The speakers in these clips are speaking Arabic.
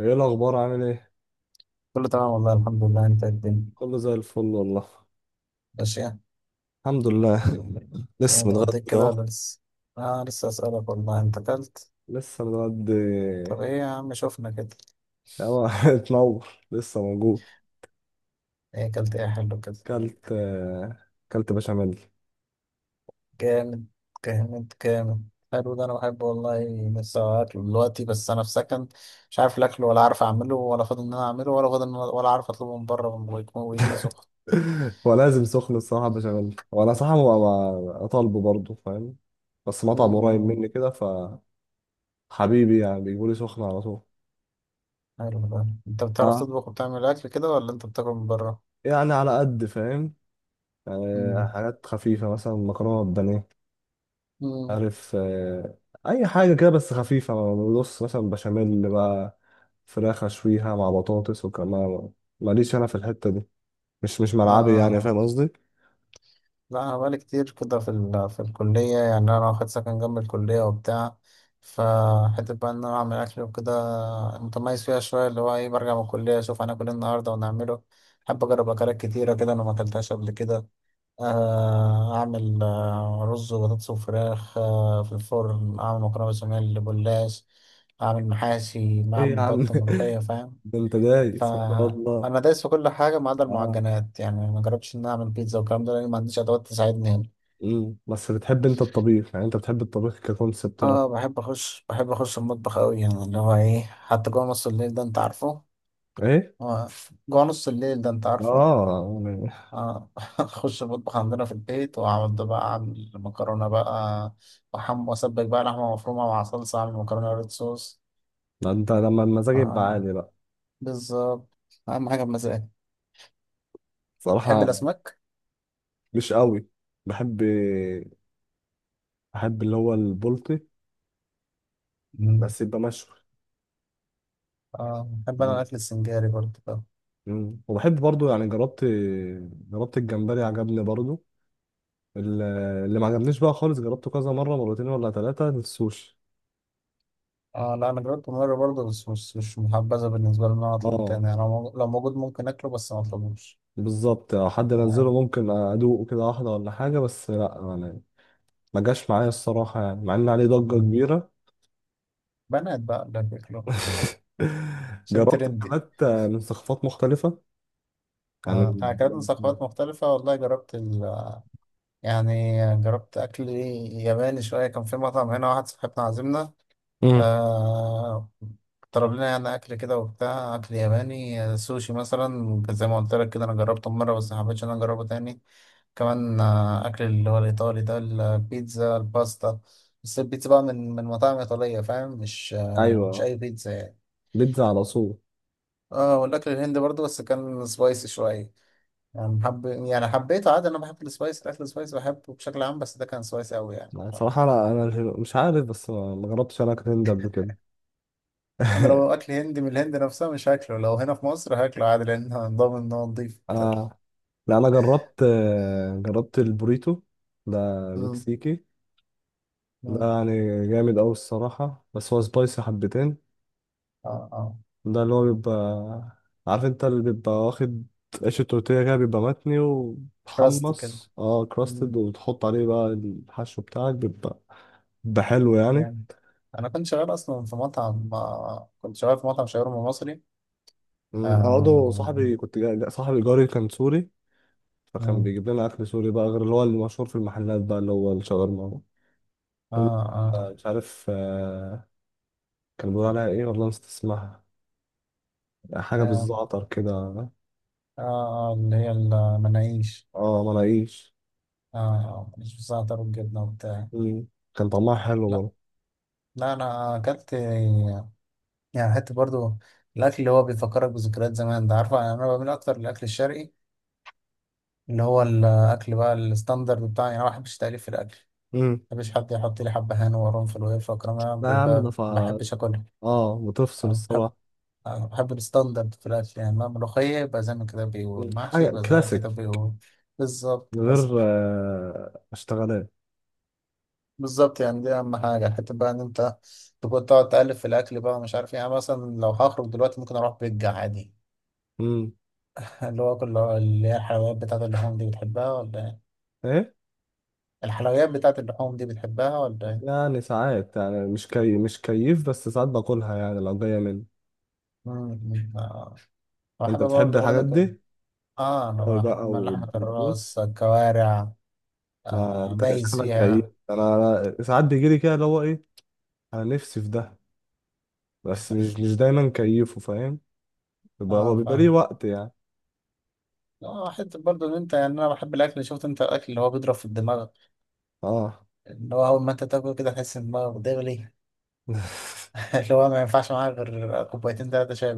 ايه الاخبار؟ عامل ايه؟ كله تمام والله الحمد لله. انت الدنيا كله زي الفل والله ماشية؟ الحمد لله. ايه، لسه اتغديت متغدي كده اهو ولا لسه؟ اه لسه، اسألك والله، انت اكلت؟ لسه متغدي طب ايه يا عم، شوفنا كده. اهو اتنور، لسه موجود. ايه اكلت ايه حلو كده؟ كلت آه، كلت بشاميل. جامد جامد جامد، حلو ده انا بحبه والله. لسه اكله دلوقتي بس انا في سكن، مش عارف الاكل ولا عارف اعمله ولا فاضي ان انا اعمله ولا فاضي ولا عارف اطلبه من بره ويجي لي سخن. هو لازم سخن الصراحه، بشاميل. وانا صراحه اطالبه برضه، فاهم؟ بس مطعم قريب امم مني كده. فحبيبي يعني بيجيبوا لي سخن على طول. حلو ده. انت بتعرف اه، تطبخ وبتعمل اكل كده ولا انت بتاكل من بره؟ يعني على قد فاهم. يعني امم حاجات خفيفه مثلا مكرونه بانيه. امم عارف. اي حاجه كده بس خفيفه. بص مثلا بشاميل بقى، فراخ اشويها مع بطاطس وكمان. ماليش انا في الحته دي، مش ملعبي يعني، اه فاهم قصدي؟ لا، أنا بقالي كتير كده في في الكلية، يعني أنا واخد سكن جنب الكلية وبتاع. فحتة بقى إن أنا أعمل أكل وكده متميز فيها شوية، اللي هو إيه، برجع من الكلية أشوف هناكل إيه النهاردة ونعمله. أحب أجرب أكلات كتيرة كده أنا ما أكلتهاش قبل كده. أعمل رز وبطاطس وفراخ في الفرن، أعمل مكرونة بشاميل، بلاش أعمل محاشي، ايه أعمل يا عم! بط، ملوخية، فاهم. ده انت ف دايس ما شاء الله. انا دايس في كل حاجه ما عدا اه. المعجنات، يعني ما جربتش ان أنا اعمل بيتزا والكلام ده لان ما عنديش ادوات تساعدني هنا. بس بتحب انت الطبيخ، يعني انت بتحب الطبيخ ككونسبت، لا؟ اه بحب اخش، بحب اخش المطبخ قوي، يعني اللي هو ايه حتى جوه نص الليل ده انت عارفه. ايه. آه، جوه نص الليل ده انت عارفه اه، يعني. اه اخش المطبخ عندنا في البيت واقعد بقى اعمل مكرونه بقى، وحم واسبك بقى لحمه مفرومه مع صلصه، اعمل مكرونه ريد صوص. ده انت لما المزاج يبقى اه عالي بقى. بالظبط، اهم حاجه بمزاج. تحب صراحه، الاسماك؟ مش قوي. بحب. بحب اللي هو البلطي. مم. بس يبقى مشوي. اه بحب انا الاكل السنجاري برضه ده. مم. وبحب برضو، يعني جربت. جربت الجمبري عجبني برضو. ال- اللي ما عجبنيش بقى خالص، جربته كذا مرة، مرتين ولا ثلاثة، السوشي. اه لا، انا جربته مره برضه بس مش مش محبذه بالنسبه لي ان انا اطلبه اه. تاني، يعني لو موجود لو موجود ممكن اكله بس ما اطلبوش. بالظبط، لو حد نزله ممكن ادوقه كده واحدة ولا حاجة، بس لا يعني. ما جاش معايا الصراحة، يعني مع ان عليه ضجة مم. كبيرة. بنات بقى اللي بياكلوها عشان جربت ترندي. اكلات من ثقافات مختلفة، أكلات من يعني. ثقافات مختلفة والله، جربت يعني جربت أكل ياباني شوية، كان في مطعم هنا واحد صاحبنا عازمنا. مم. آه، طلب لنا يعني أكل كده وبتاع، أكل ياباني، سوشي مثلا زي ما قلت لك كده، أنا جربته مرة بس محبتش إن أنا أجربه تاني. كمان أكل اللي هو الإيطالي ده، البيتزا الباستا، بس البيتزا بقى من مطاعم إيطالية فاهم، مش مش ايوه. أي بيتزا يعني. بيتزا على صوت. اه والاكل الهندي برضه بس كان سبايسي شويه، يعني حب يعني حبيته عادي، انا بحب السبايسي، الاكل السبايسي بحبه بشكل عام، بس ده كان سبايسي قوي يعني يعني صراحة، لا انا مش عارف، بس ما جربتش انا اكل هندي قبل كده. انا لو اكل هندي من الهند نفسها مش هاكله، لو هنا في مصر هاكله عادي لان أنا ضامن ان هو نضيف وبتاع. لا، انا جربت البوريتو ده، مم. مكسيكي. ده مم. يعني جامد أوي الصراحة، بس هو سبايسي حبتين. اه اه ده اللي هو بيبقى، عارف انت، اللي بيبقى واخد عيش التورتيه كده، بيبقى متني كراست كده. ومحمص، اه كراستد، مم. وتحط عليه بقى الحشو بتاعك بيبقى، بيبقى حلو يعني. يعني انا كنت شغال اصلا في مطعم، كنت شغال في مطعم شاورما مصري. انا برضه آه. صاحبي صاحبي جاري كان سوري. فكان مم. بيجيب لنا اكل سوري بقى، غير اللي هو المشهور في المحلات بقى اللي هو الشاورما. اللي هو، اه اه. مش عارف. كان بيقول عليها ايه، والله نسيت اسمها. اه، حاجة آه، بالزعتر كده. آه اللي هي المناقيش. اه، مناقيش. اه آه، مش بس بتاع الجبنه وبتاع. مم. كان طعمها حلو لا برضه. لا انا اكلت، يعني حته برضو الاكل اللي هو بيفكرك بذكريات زمان ده عارفه. انا بميل اكتر للاكل الشرقي اللي هو الاكل بقى الستاندرد بتاعي، يعني انا ما بحبش تأليف في الاكل. مم. ما بحبش حد يحط لي حبه هان وقرنفل وقرفه والكلام ده، لا يا عم، بيبقى ده ما فا. بحبش اكلها. اه، بتفصل أنا بحب، الصراحة. أنا بحب الستاندرد في الاكل، يعني ما ملوخيه يبقى زي ما كده مم. بيقول، محشي حاجة يبقى زي ما كده كلاسيك. بيقول. بالظبط من غير كلاسيك. اشتغالات. بالظبط، يعني دي اهم حاجه. حته بقى ان انت تقعد تألف في الاكل بقى ومش عارف ايه، يعني مثلا لو هخرج دلوقتي ممكن اروح بيتزا عادي. مم. اللي هو كل، اللي هي الحلويات بتاعت اللحوم دي بتحبها ولا ايه؟ ايه؟ الحلويات بتاعت اللحوم دي بتحبها ولا ايه؟ يعني ساعات، يعني مش كيف، بس ساعات باكلها يعني لو جاية مني. مم. آه. بحب انت بتحب برضه، بقول الحاجات لك دي؟ اه أوي انا بحب بقى، من لحمة وتدوس. الراس الكوارع. ما آه انت كده دايس شكلك كيف، فيها. أنا ساعات بيجيلي كده اللي هو ايه. انا نفسي في ده. بس مش دايما كيفه، فاهم؟ يبقى هو اه بيبقى ليه فاهم. وقت يعني. اه حتة برضه ان انت يعني انا بحب الاكل، شفت انت الاكل اللي هو بيضرب في الدماغ، اه. اللي هو اول ما انت تاكل كده تحس ان دماغك بتغلي. اللي هو ما ينفعش معاك غير كوبايتين تلاتة شاي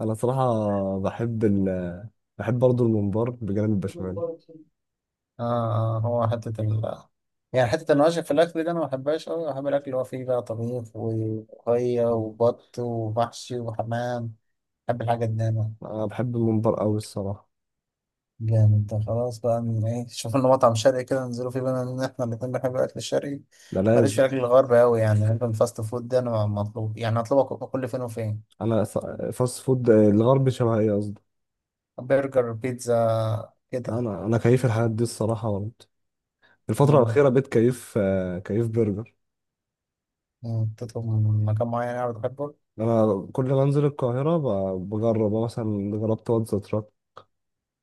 انا صراحة، بحب ال. بحب برضه الممبار بجانب البشاميل. بعدها. اه آه، هو حتة ال، يعني حتة النواشف في الأكل ده أنا ما بحبهاش أوي. بحب الأكل اللي هو فيه بقى طبيخ وخية مم. وبط ومحشي وحمام. بحب الحاجة دي أنا. انا بحب الممبار قوي الصراحة. جامد ده. خلاص بقى من إيه، شوف لنا مطعم شرقي كده ننزلوا فيه، بما إن إحنا الاتنين بنحب الأكل الشرقي. ده ماليش لازم. في الأكل الغربي أوي، يعني بحب الفاست فود ده أنا، مطلوب يعني أطلبه كل فين وفين. انا ص-، فاست فود الغربي شبه ايه، قصدي؟ برجر بيتزا لا، كده. انا كيف الحاجات دي الصراحة برضه. الفترة آه. الأخيرة بقيت كيف برجر. آه، تطلب من مكان معين يعني بتحبه. انا كل ما انزل القاهرة بجرب. أنا مثلا جربت واتزا تراك.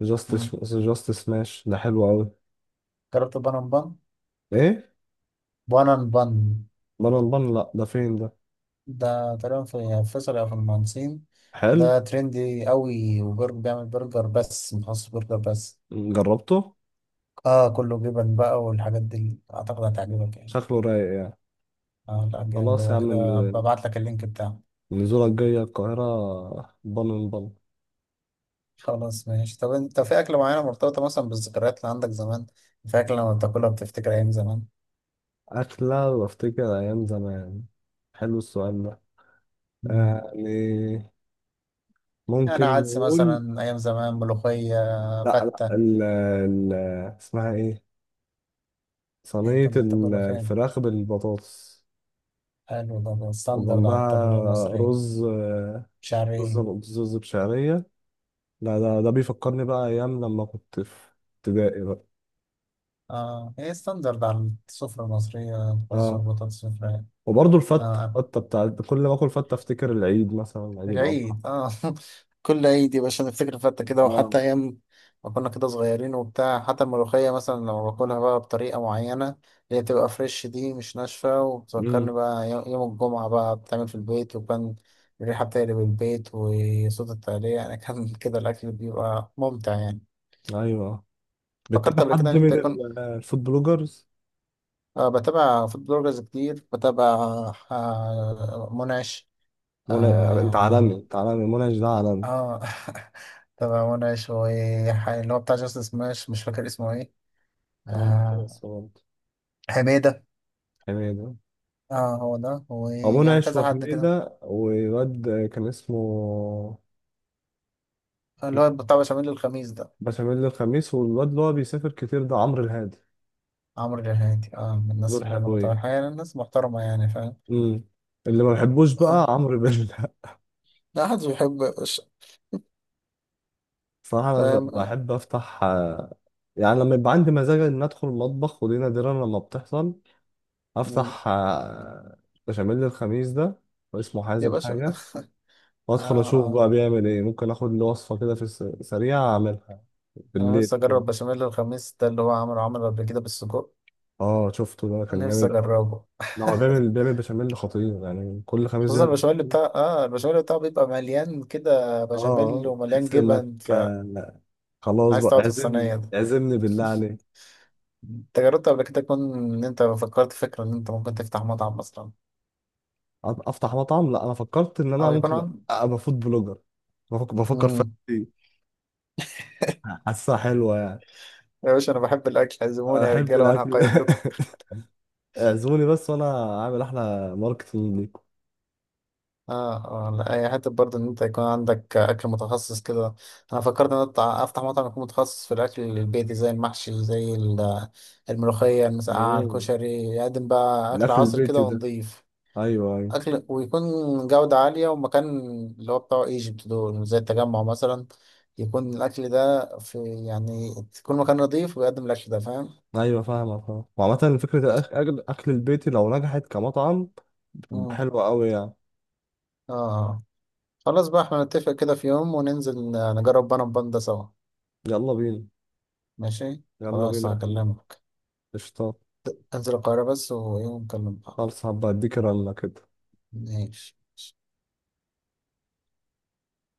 جاست، مم. جاست سماش ده حلو قوي. جربت البانن بان؟ ايه؟ بانن بان، بان بان، لا ده فين ده؟ ده تقريبا في فيصل أو في المهندسين. حلو. ده ترندي قوي، وبرجر بيعمل برجر بس، مخصص برجر بس. جربته. اه كله جبن بقى والحاجات دي، اعتقد هتعجبك يعني. شكله رايق يعني. اه لا جامد، خلاص يا هو عم كده ال-، ببعت لك اللينك بتاعه. النزولة الجاية القاهرة بن بن. خلاص ماشي. طب انت في اكلة معينة مرتبطة مثلا بالذكريات اللي عندك زمان؟ في اكلة لما بتاكلها بتفتكر ايام زمان؟ أكلة وأفتكر أيام زمان؟ حلو السؤال ده. مم. يعني ممكن يعني عدس نقول. مثلا ايام زمان، ملوخية، لا، لا، فتة. ال اسمها إيه، ايه صينية كنت بتاكلها فين؟ الفراخ بالبطاطس. حلو ده، ده ستاندرد على وجنبها الطبيعة المصرية. رز رز شعري. رز بشعرية. لا، ده بيفكرني بقى أيام لما كنت في ابتدائي بقى. اه هي ستاندرد على السفرة المصرية، رز آه. وبطاطس وفراخ. وبرضه الفتة آه الفتة بتاعت، كل ما اكل فتة افتكر العيد، مثلا عيد الأضحى. العيد. اه كل عيد يا باشا نفتكر فتة كده، اه. وحتى أيام ما كنا كده صغيرين وبتاع. حتى الملوخية مثلا لو باكلها بقى بطريقة معينة اللي هي بتبقى فريش دي مش ناشفة، وبتفكرني امم بقى يوم الجمعة بقى بتعمل في البيت، وكان الريحة بتقلب البيت وصوت التقلية يعني. كان كده الأكل بيبقى ممتع يعني. ايوه، فكرت بتتابع قبل كده حد إن من أنت يكون، الفود بلوجرز؟ آه بتابع فود بلوجرز كتير، بتابع آه منعش. منى. انت عالمي، اه. انت عالمي، منعش ده عالمي. اه تبع منى شوية، اللي هو بتاع جاستس سماش مش فاكر اسمه ايه. اه. بس آه. برضه. حميدة. حميدة. اه هو ده، او ويعني منعش كذا حد كده، وحميدة وواد كان اسمه، اللي هو بتاع بشاميل الخميس ده. بشاميل الخميس. والواد اللي هو بيسافر كتير ده عمرو الهادي. عمرو الرهادي، اه من الناس دول اللي انا حلوين. بتابعها، يعني الناس محترمة يعني فاهم. امم اللي ما بحبوش بقى اه عمرو بيلا. لا حد بيحب يا باشا. صراحة أنا فاهم. آه. بحب أفتح، يعني لما يبقى عندي مزاج إن أدخل المطبخ، ودي نادرا لما بتحصل. مم. أفتح، بشاميل الخميس ده، واسمه يا حازم باشا. حاجة. اه وأدخل أشوف اه. بقى بيعمل إيه، ممكن آخد له وصفة كده في السريع أعملها انا بالليل نفسي كده. اجرب بشاميل الخميس ده، اللي هو عمله عمله قبل كده بالسجق. آه، شفته ده كان نفسي جامد أوي. اجربه. لا، هو بيعمل بشاميل خطير، يعني كل خميس خصوصا بيعمل البشاميل بشاميل. بتاع، اه البشاميل بتاعه بيبقى مليان كده بشاميل آه، ومليان تحس إنك جبن، فعايز خلاص بقى، تقعد في اعزمني الصينية ده. اعزمني بالله عليك. انت جربت قبل كده تكون ان انت فكرت فكرة ان انت ممكن تفتح مطعم مثلا، افتح مطعم؟ لا، انا فكرت ان انا او يكون ممكن عن. ابقى فود بلوجر. بفكر في مم. دي. حاسسها حلوه يعني. يا باشا انا بحب الاكل، انا عزموني يا بحب رجالة وانا الاكل. هقيم لكم. اعزموني بس، وانا عامل احلى ماركتنج ليكم. اه اه لا، هي حتة برضه ان انت يكون عندك اكل متخصص كده. انا فكرت ان أنا افتح مطعم يكون متخصص في الاكل البيتي، زي المحشي زي الملوخية، المسقعة، مم. الكشري، يقدم بقى اكل الاكل عصر كده البيتي ده. ونضيف. ايوه، ايوه. أكل ويكون جودة عالية ومكان اللي هو بتاع ايجيبت دول زي التجمع مثلا، يكون الأكل ده في، يعني يكون مكان نظيف ويقدم الأكل ده فاهم؟ ايوه فاهمه، فاهم. وعامه فكره الاكل البيتي لو نجحت كمطعم بتبقى مم. حلوه قوي يعني. اه آه. خلاص بقى احنا نتفق كده في يوم وننزل نجرب بنا بان ده سوا. يلا بينا. ماشي؟ يلا خلاص بينا. هكلمك. قشطه. انزل القاهرة بس ويوم نكلم بعض. خلاص، هبقى اديك رنه كده. ماشي